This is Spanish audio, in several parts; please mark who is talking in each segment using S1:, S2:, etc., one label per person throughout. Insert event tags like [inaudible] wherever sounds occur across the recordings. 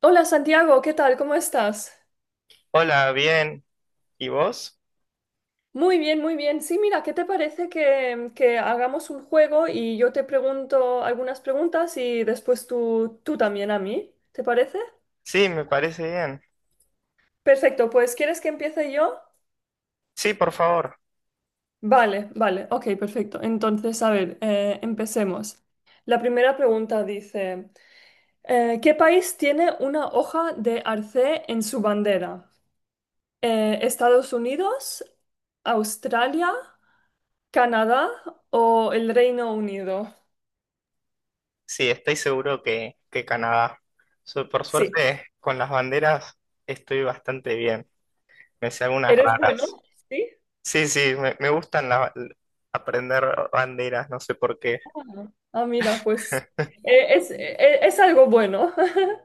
S1: Hola Santiago, ¿qué tal? ¿Cómo estás?
S2: Hola, bien. ¿Y vos?
S1: Muy bien, muy bien. Sí, mira, ¿qué te parece que hagamos un juego y yo te pregunto algunas preguntas y después tú también a mí? ¿Te parece?
S2: Sí, me parece bien.
S1: Perfecto, pues ¿quieres que empiece yo?
S2: Sí, por favor.
S1: Vale, vale, ok, perfecto. Entonces, a ver, empecemos. La primera pregunta dice, ¿qué país tiene una hoja de arce en su bandera? ¿Estados Unidos? ¿Australia? ¿Canadá o el Reino Unido?
S2: Sí, estoy seguro que Canadá. Por
S1: Sí.
S2: suerte, con las banderas estoy bastante bien. Me sé algunas
S1: ¿Eres bueno?
S2: raras.
S1: Sí.
S2: Sí, sí, me gustan aprender banderas, no sé por qué.
S1: Ah, ah, mira, pues es algo bueno. [laughs]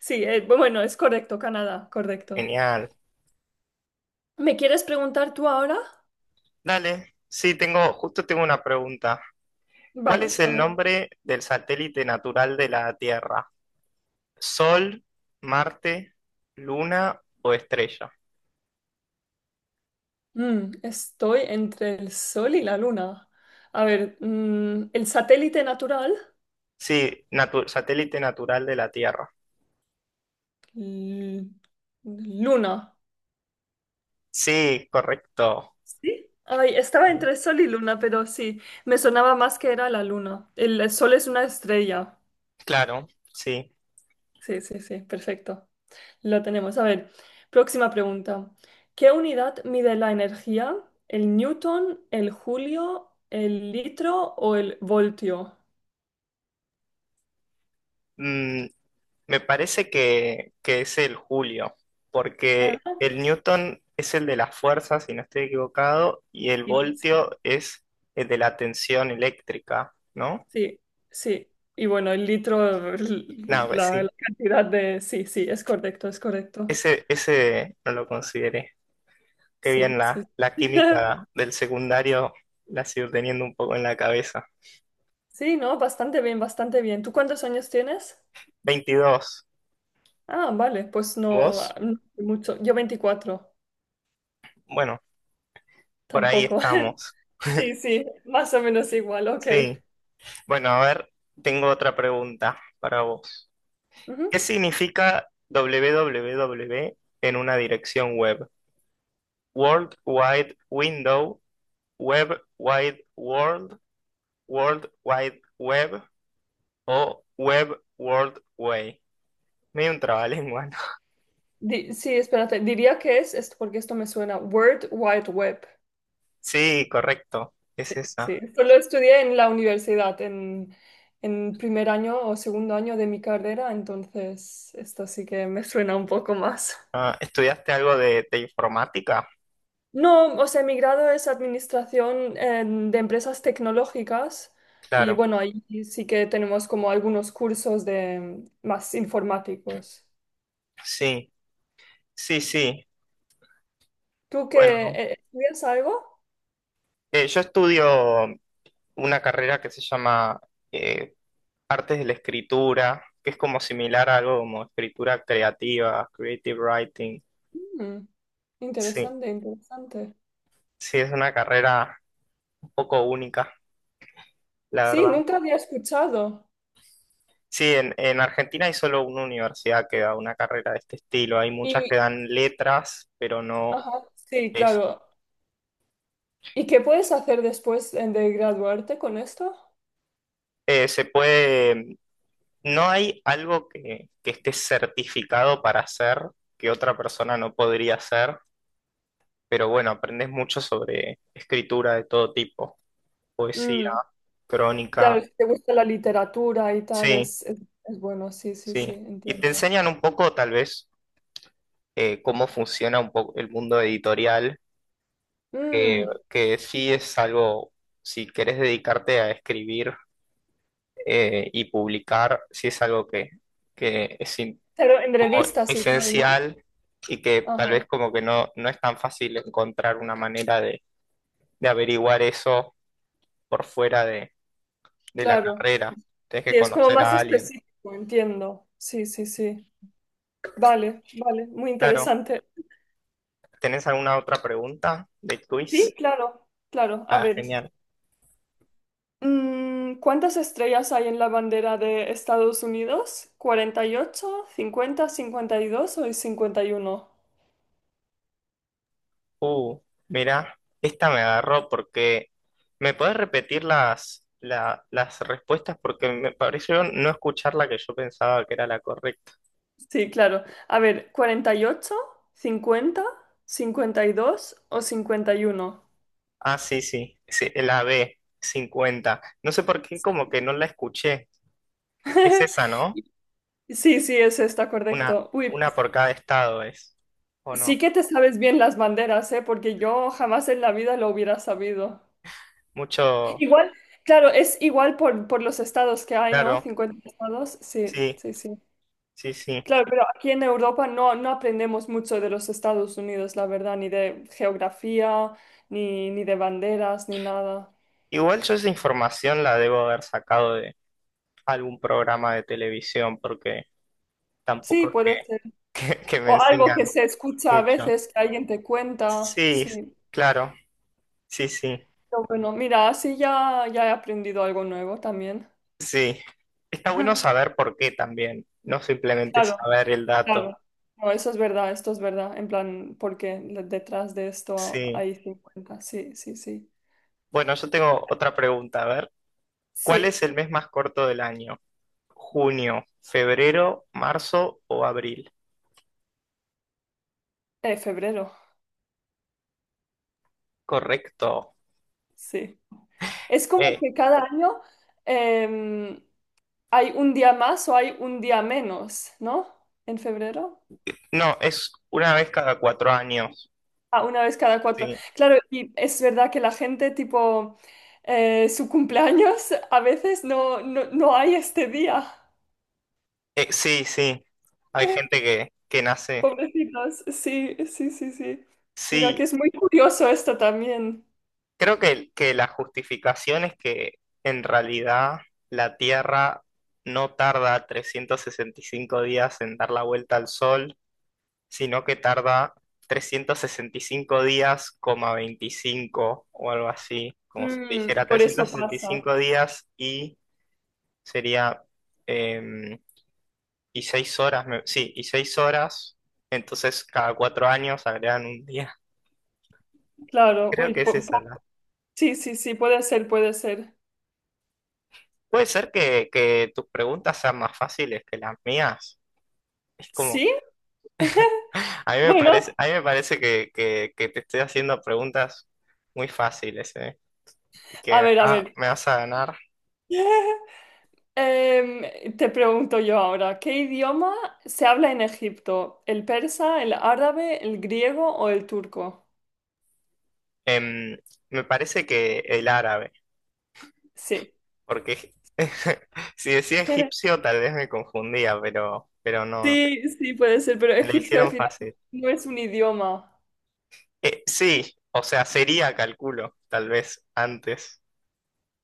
S1: Sí, bueno, es correcto, Canadá, correcto.
S2: Genial.
S1: ¿Me quieres preguntar tú ahora?
S2: Dale. Sí, justo tengo una pregunta. ¿Cuál
S1: Vale,
S2: es
S1: a
S2: el
S1: ver.
S2: nombre del satélite natural de la Tierra? ¿Sol, Marte, Luna o estrella?
S1: Estoy entre el Sol y la Luna. A ver, el satélite natural,
S2: Sí, satélite natural de la Tierra.
S1: l- Luna.
S2: Sí, correcto.
S1: ¿Sí? Ay, estaba entre Sol y Luna, pero sí, me sonaba más que era la Luna. El Sol es una estrella.
S2: Claro, sí.
S1: Sí, sí, sí, perfecto. Lo tenemos. A ver, próxima pregunta. ¿Qué unidad mide la energía? ¿El newton, el julio, el litro o el voltio?
S2: Mm, me parece que es el julio,
S1: Ah,
S2: porque el Newton es el de las fuerzas, si no estoy equivocado, y el
S1: sí,
S2: voltio es el de la tensión eléctrica, ¿no?
S1: sí, sí. Y bueno, el litro,
S2: No, pues sí.
S1: la cantidad de. Sí, sí, es correcto, es correcto.
S2: Ese no lo consideré. Qué
S1: Sí,
S2: bien, la,
S1: sí.
S2: la química
S1: [laughs]
S2: del secundario la sigo teniendo un poco en la cabeza.
S1: Sí, ¿no? Bastante bien, bastante bien. ¿Tú cuántos años tienes?
S2: 22.
S1: Ah, vale, pues no,
S2: ¿Vos?
S1: no mucho. Yo 24,
S2: Bueno, por ahí
S1: tampoco. [laughs]
S2: estamos.
S1: Sí, sí, más o menos igual, ok.
S2: Sí. Bueno, a ver, tengo otra pregunta para vos. ¿Qué
S1: Ujú.
S2: significa www en una dirección web? World Wide Window, Web Wide World, World Wide Web o Web World Way. Medio un trabalengua, ¿no?
S1: Sí, espérate, diría que es, esto, porque esto me suena, World Wide Web.
S2: [laughs] Sí, correcto. Es
S1: Sí, sí,
S2: esa.
S1: esto lo estudié en la universidad, en, primer año o segundo año de mi carrera, entonces esto sí que me suena un poco más.
S2: Ah, ¿estudiaste algo de informática?
S1: No, o sea, mi grado es administración de empresas tecnológicas y
S2: Claro.
S1: bueno, ahí sí que tenemos como algunos cursos de más informáticos.
S2: Sí, sí, sí.
S1: ¿Tú
S2: Bueno,
S1: que estudias algo?
S2: yo estudio una carrera que se llama eh, Artes de la Escritura, que es como similar a algo como escritura creativa, creative writing.
S1: Mm.
S2: Sí,
S1: Interesante, interesante.
S2: sí, es una carrera un poco única, la
S1: Sí,
S2: verdad.
S1: nunca había escuchado.
S2: Sí, en Argentina hay solo una universidad que da una carrera de este estilo. Hay muchas
S1: Y,
S2: que dan letras, pero no
S1: ajá, sí,
S2: es.
S1: claro. ¿Y qué puedes hacer después de graduarte con esto?
S2: Se puede, no hay algo que esté certificado para hacer que otra persona no podría hacer. Pero bueno, aprendes mucho sobre escritura de todo tipo, poesía,
S1: Mm, claro,
S2: crónica,
S1: si te gusta la literatura y tal,
S2: sí,
S1: es bueno, sí, sí,
S2: sí.
S1: sí,
S2: Y te
S1: entiendo.
S2: enseñan un poco, tal vez, cómo funciona un poco el mundo editorial, que,
S1: Mm,
S2: que sí es algo, si querés dedicarte a escribir y publicar, sí es algo que es
S1: pero en
S2: como
S1: revistas y tal, ¿no?
S2: esencial, y que tal vez
S1: Ajá.
S2: como que no es tan fácil encontrar una manera de averiguar eso por fuera de la
S1: Claro.
S2: carrera. Tienes
S1: Sí,
S2: que
S1: es como
S2: conocer
S1: más
S2: a alguien.
S1: específico, entiendo. Sí, sí, sí. Vale, vale, muy
S2: Claro.
S1: interesante.
S2: ¿Tenés alguna otra pregunta de
S1: Sí,
S2: quiz?
S1: claro, claro. A
S2: Ah,
S1: ver,
S2: genial.
S1: ¿cuántas estrellas hay en la bandera de Estados Unidos? Cuarenta y ocho, 50, 52 o 51.
S2: Uh, mira, esta me agarró porque. ¿Me podés repetir las respuestas? Porque me pareció no escuchar la que yo pensaba que era la correcta.
S1: Sí, claro. A ver, 48, 50, cincuenta y dos o 51.
S2: Ah, sí, sí. Sí, la B, 50. No sé por qué como que no la escuché. Es esa,
S1: [laughs]
S2: ¿no?
S1: Sí, sí, es esta,
S2: Una,
S1: correcto. Uy,
S2: una por cada estado es. ¿O no?
S1: sí que te sabes bien las banderas, ¿eh? Porque yo jamás en la vida lo hubiera sabido.
S2: Mucho.
S1: Igual, claro, es igual por los estados que hay, ¿no?
S2: Claro.
S1: 50 estados, sí,
S2: Sí,
S1: sí, sí.
S2: sí, sí.
S1: Claro, pero aquí en Europa no, no aprendemos mucho de los Estados Unidos, la verdad, ni de geografía, ni, ni de banderas, ni nada.
S2: Igual yo esa información la debo haber sacado de algún programa de televisión, porque
S1: Sí,
S2: tampoco
S1: puede
S2: es
S1: ser.
S2: [laughs] que me
S1: O algo que
S2: enseñan
S1: se escucha a
S2: mucho.
S1: veces, que alguien te cuenta,
S2: Sí,
S1: sí.
S2: claro, sí, sí,
S1: Pero bueno, mira, así ya, ya he aprendido algo nuevo también.
S2: sí. Está bueno
S1: [laughs]
S2: saber por qué también, no simplemente
S1: Claro.
S2: saber el dato.
S1: Claro, no, eso es verdad, esto es verdad, en plan, porque detrás de esto
S2: Sí.
S1: hay 50, sí, sí, sí.
S2: Bueno, yo tengo otra pregunta. A ver, ¿cuál
S1: Sí,
S2: es el mes más corto del año? ¿Junio, febrero, marzo o abril?
S1: febrero,
S2: Correcto.
S1: sí. Es como
S2: Eh,
S1: que cada año em, hay un día más o hay un día menos, ¿no? En febrero.
S2: no, es una vez cada 4 años.
S1: Ah, una vez cada cuatro.
S2: Sí.
S1: Claro, y es verdad que la gente, tipo, su cumpleaños, a veces no, no, no hay este día.
S2: Sí, sí, hay
S1: [laughs]
S2: gente que nace.
S1: Pobrecitos, sí, sí, sí, sí. Mira que
S2: Sí,
S1: es muy curioso esto también.
S2: creo que la justificación es que en realidad la Tierra no tarda 365 días en dar la vuelta al Sol, sino que tarda 365 días, coma 25 o algo así, como si te
S1: Y
S2: dijera
S1: por eso
S2: trescientos sesenta y
S1: pasa.
S2: cinco días y sería em, y 6 horas, sí, y 6 horas, entonces cada 4 años agregan un día.
S1: Claro,
S2: Creo
S1: uy,
S2: que es esa la.
S1: sí, sí, sí, puede ser, puede ser.
S2: Puede ser que tus preguntas sean más fáciles que las mías. Es como,
S1: ¿Sí?
S2: [laughs] a mí me
S1: Bueno,
S2: parece, a mí me parece que te estoy haciendo preguntas muy fáciles, ¿eh? Que
S1: a ver, a
S2: acá
S1: ver.
S2: me vas a ganar.
S1: [laughs] Te pregunto yo ahora, ¿qué idioma se habla en Egipto? ¿El persa, el árabe, el griego o el turco?
S2: Em, me parece que el árabe,
S1: Sí.
S2: porque [laughs] si decía
S1: [laughs]
S2: egipcio tal vez me confundía, pero no,
S1: Sí, sí, puede ser, pero
S2: me la
S1: egipcio al
S2: hicieron
S1: final
S2: fácil.
S1: no es un idioma.
S2: Sí, o sea, sería, calculo, tal vez antes,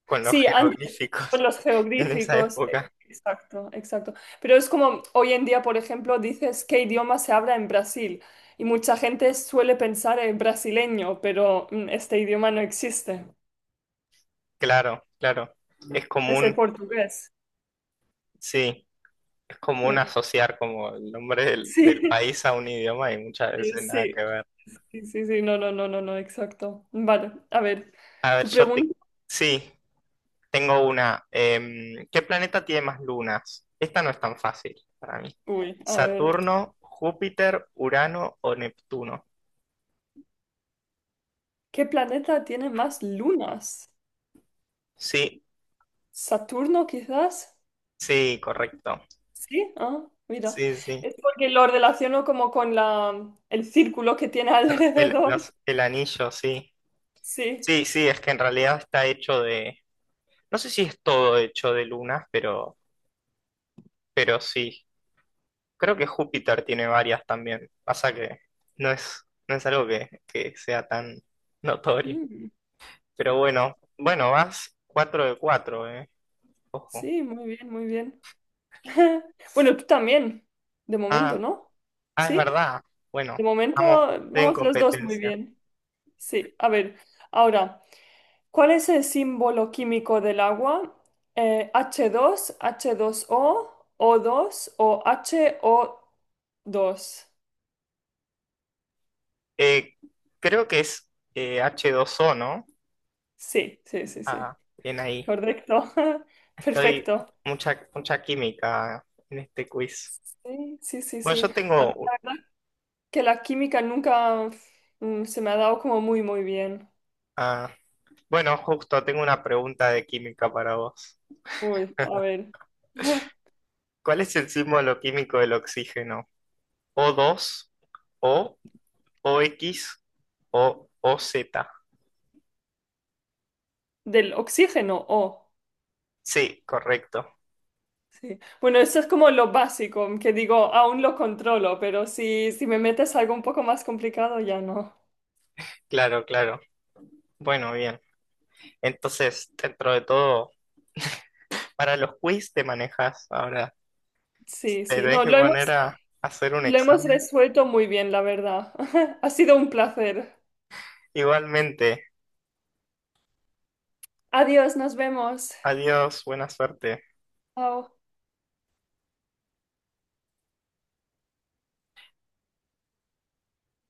S2: con los
S1: Sí, antes, por
S2: jeroglíficos
S1: los
S2: [laughs] en esa
S1: geográficos,
S2: época.
S1: exacto, exacto. Pero es como hoy en día, por ejemplo, dices qué idioma se habla en Brasil y mucha gente suele pensar en brasileño, pero este idioma no existe,
S2: Claro, claro. Es
S1: es el
S2: común,
S1: portugués.
S2: sí, es común
S1: Mm.
S2: asociar como el nombre del,
S1: Sí,
S2: del país a un idioma y muchas
S1: [laughs]
S2: veces nada
S1: sí,
S2: que ver.
S1: sí, sí, sí, no, no, no, no, no, exacto. Vale, a ver,
S2: A ver,
S1: tu
S2: yo te.
S1: pregunta,
S2: Sí, tengo una. ¿Qué planeta tiene más lunas? Esta no es tan fácil para mí.
S1: uy, a ver,
S2: ¿Saturno, Júpiter, Urano o Neptuno?
S1: ¿qué planeta tiene más lunas?
S2: Sí,
S1: ¿Saturno quizás?
S2: sí, correcto.
S1: Sí, ah, mira.
S2: Sí, sí.
S1: Es porque lo relaciono como con el círculo que tiene [laughs]
S2: Pero
S1: alrededor.
S2: el anillo, sí.
S1: Sí.
S2: Sí, sí, es que en realidad está hecho de. No sé si es todo hecho de lunas, pero sí. Creo que Júpiter tiene varias también. Pasa que no es algo que sea tan notorio.
S1: Mm,
S2: Pero bueno, bueno, vas 4 de cuatro, eh. Ojo.
S1: sí, muy bien, muy bien. [laughs] Bueno, tú también, de momento,
S2: Ah,
S1: ¿no?
S2: ah, es
S1: Sí,
S2: verdad. Bueno,
S1: de momento
S2: estamos en
S1: vamos los dos muy
S2: competencia.
S1: bien. Sí, a ver, ahora, ¿cuál es el símbolo químico del agua? H dos, H2O, dos o dos, o H O dos.
S2: Eh, creo que es H2O, ¿no?
S1: Sí, sí, sí, sí.
S2: Ah, bien ahí.
S1: Correcto. [laughs]
S2: Estoy
S1: Perfecto.
S2: mucha, mucha química en este quiz.
S1: Sí, sí, sí,
S2: Bueno,
S1: sí.
S2: yo
S1: A mí
S2: tengo,
S1: la verdad que la química nunca se me ha dado como muy, muy bien.
S2: ah, bueno, justo tengo una pregunta de química para vos.
S1: Uy, a ver. [laughs]
S2: ¿Cuál es el símbolo químico del oxígeno? O2, O, OX o OZ.
S1: Del oxígeno, oh.
S2: Sí, correcto.
S1: Sí. Bueno, eso es como lo básico, que digo, aún lo controlo, pero si me metes algo un poco más complicado, ya no.
S2: Claro, claro. Bueno, bien. Entonces, dentro de todo, para los quiz te manejas ahora.
S1: Sí,
S2: Te
S1: sí,
S2: tenés
S1: no,
S2: que poner a hacer un
S1: lo hemos
S2: examen.
S1: resuelto muy bien, la verdad. [laughs] Ha sido un placer.
S2: Igualmente.
S1: Adiós, nos vemos.
S2: Adiós, buena suerte.
S1: Chao.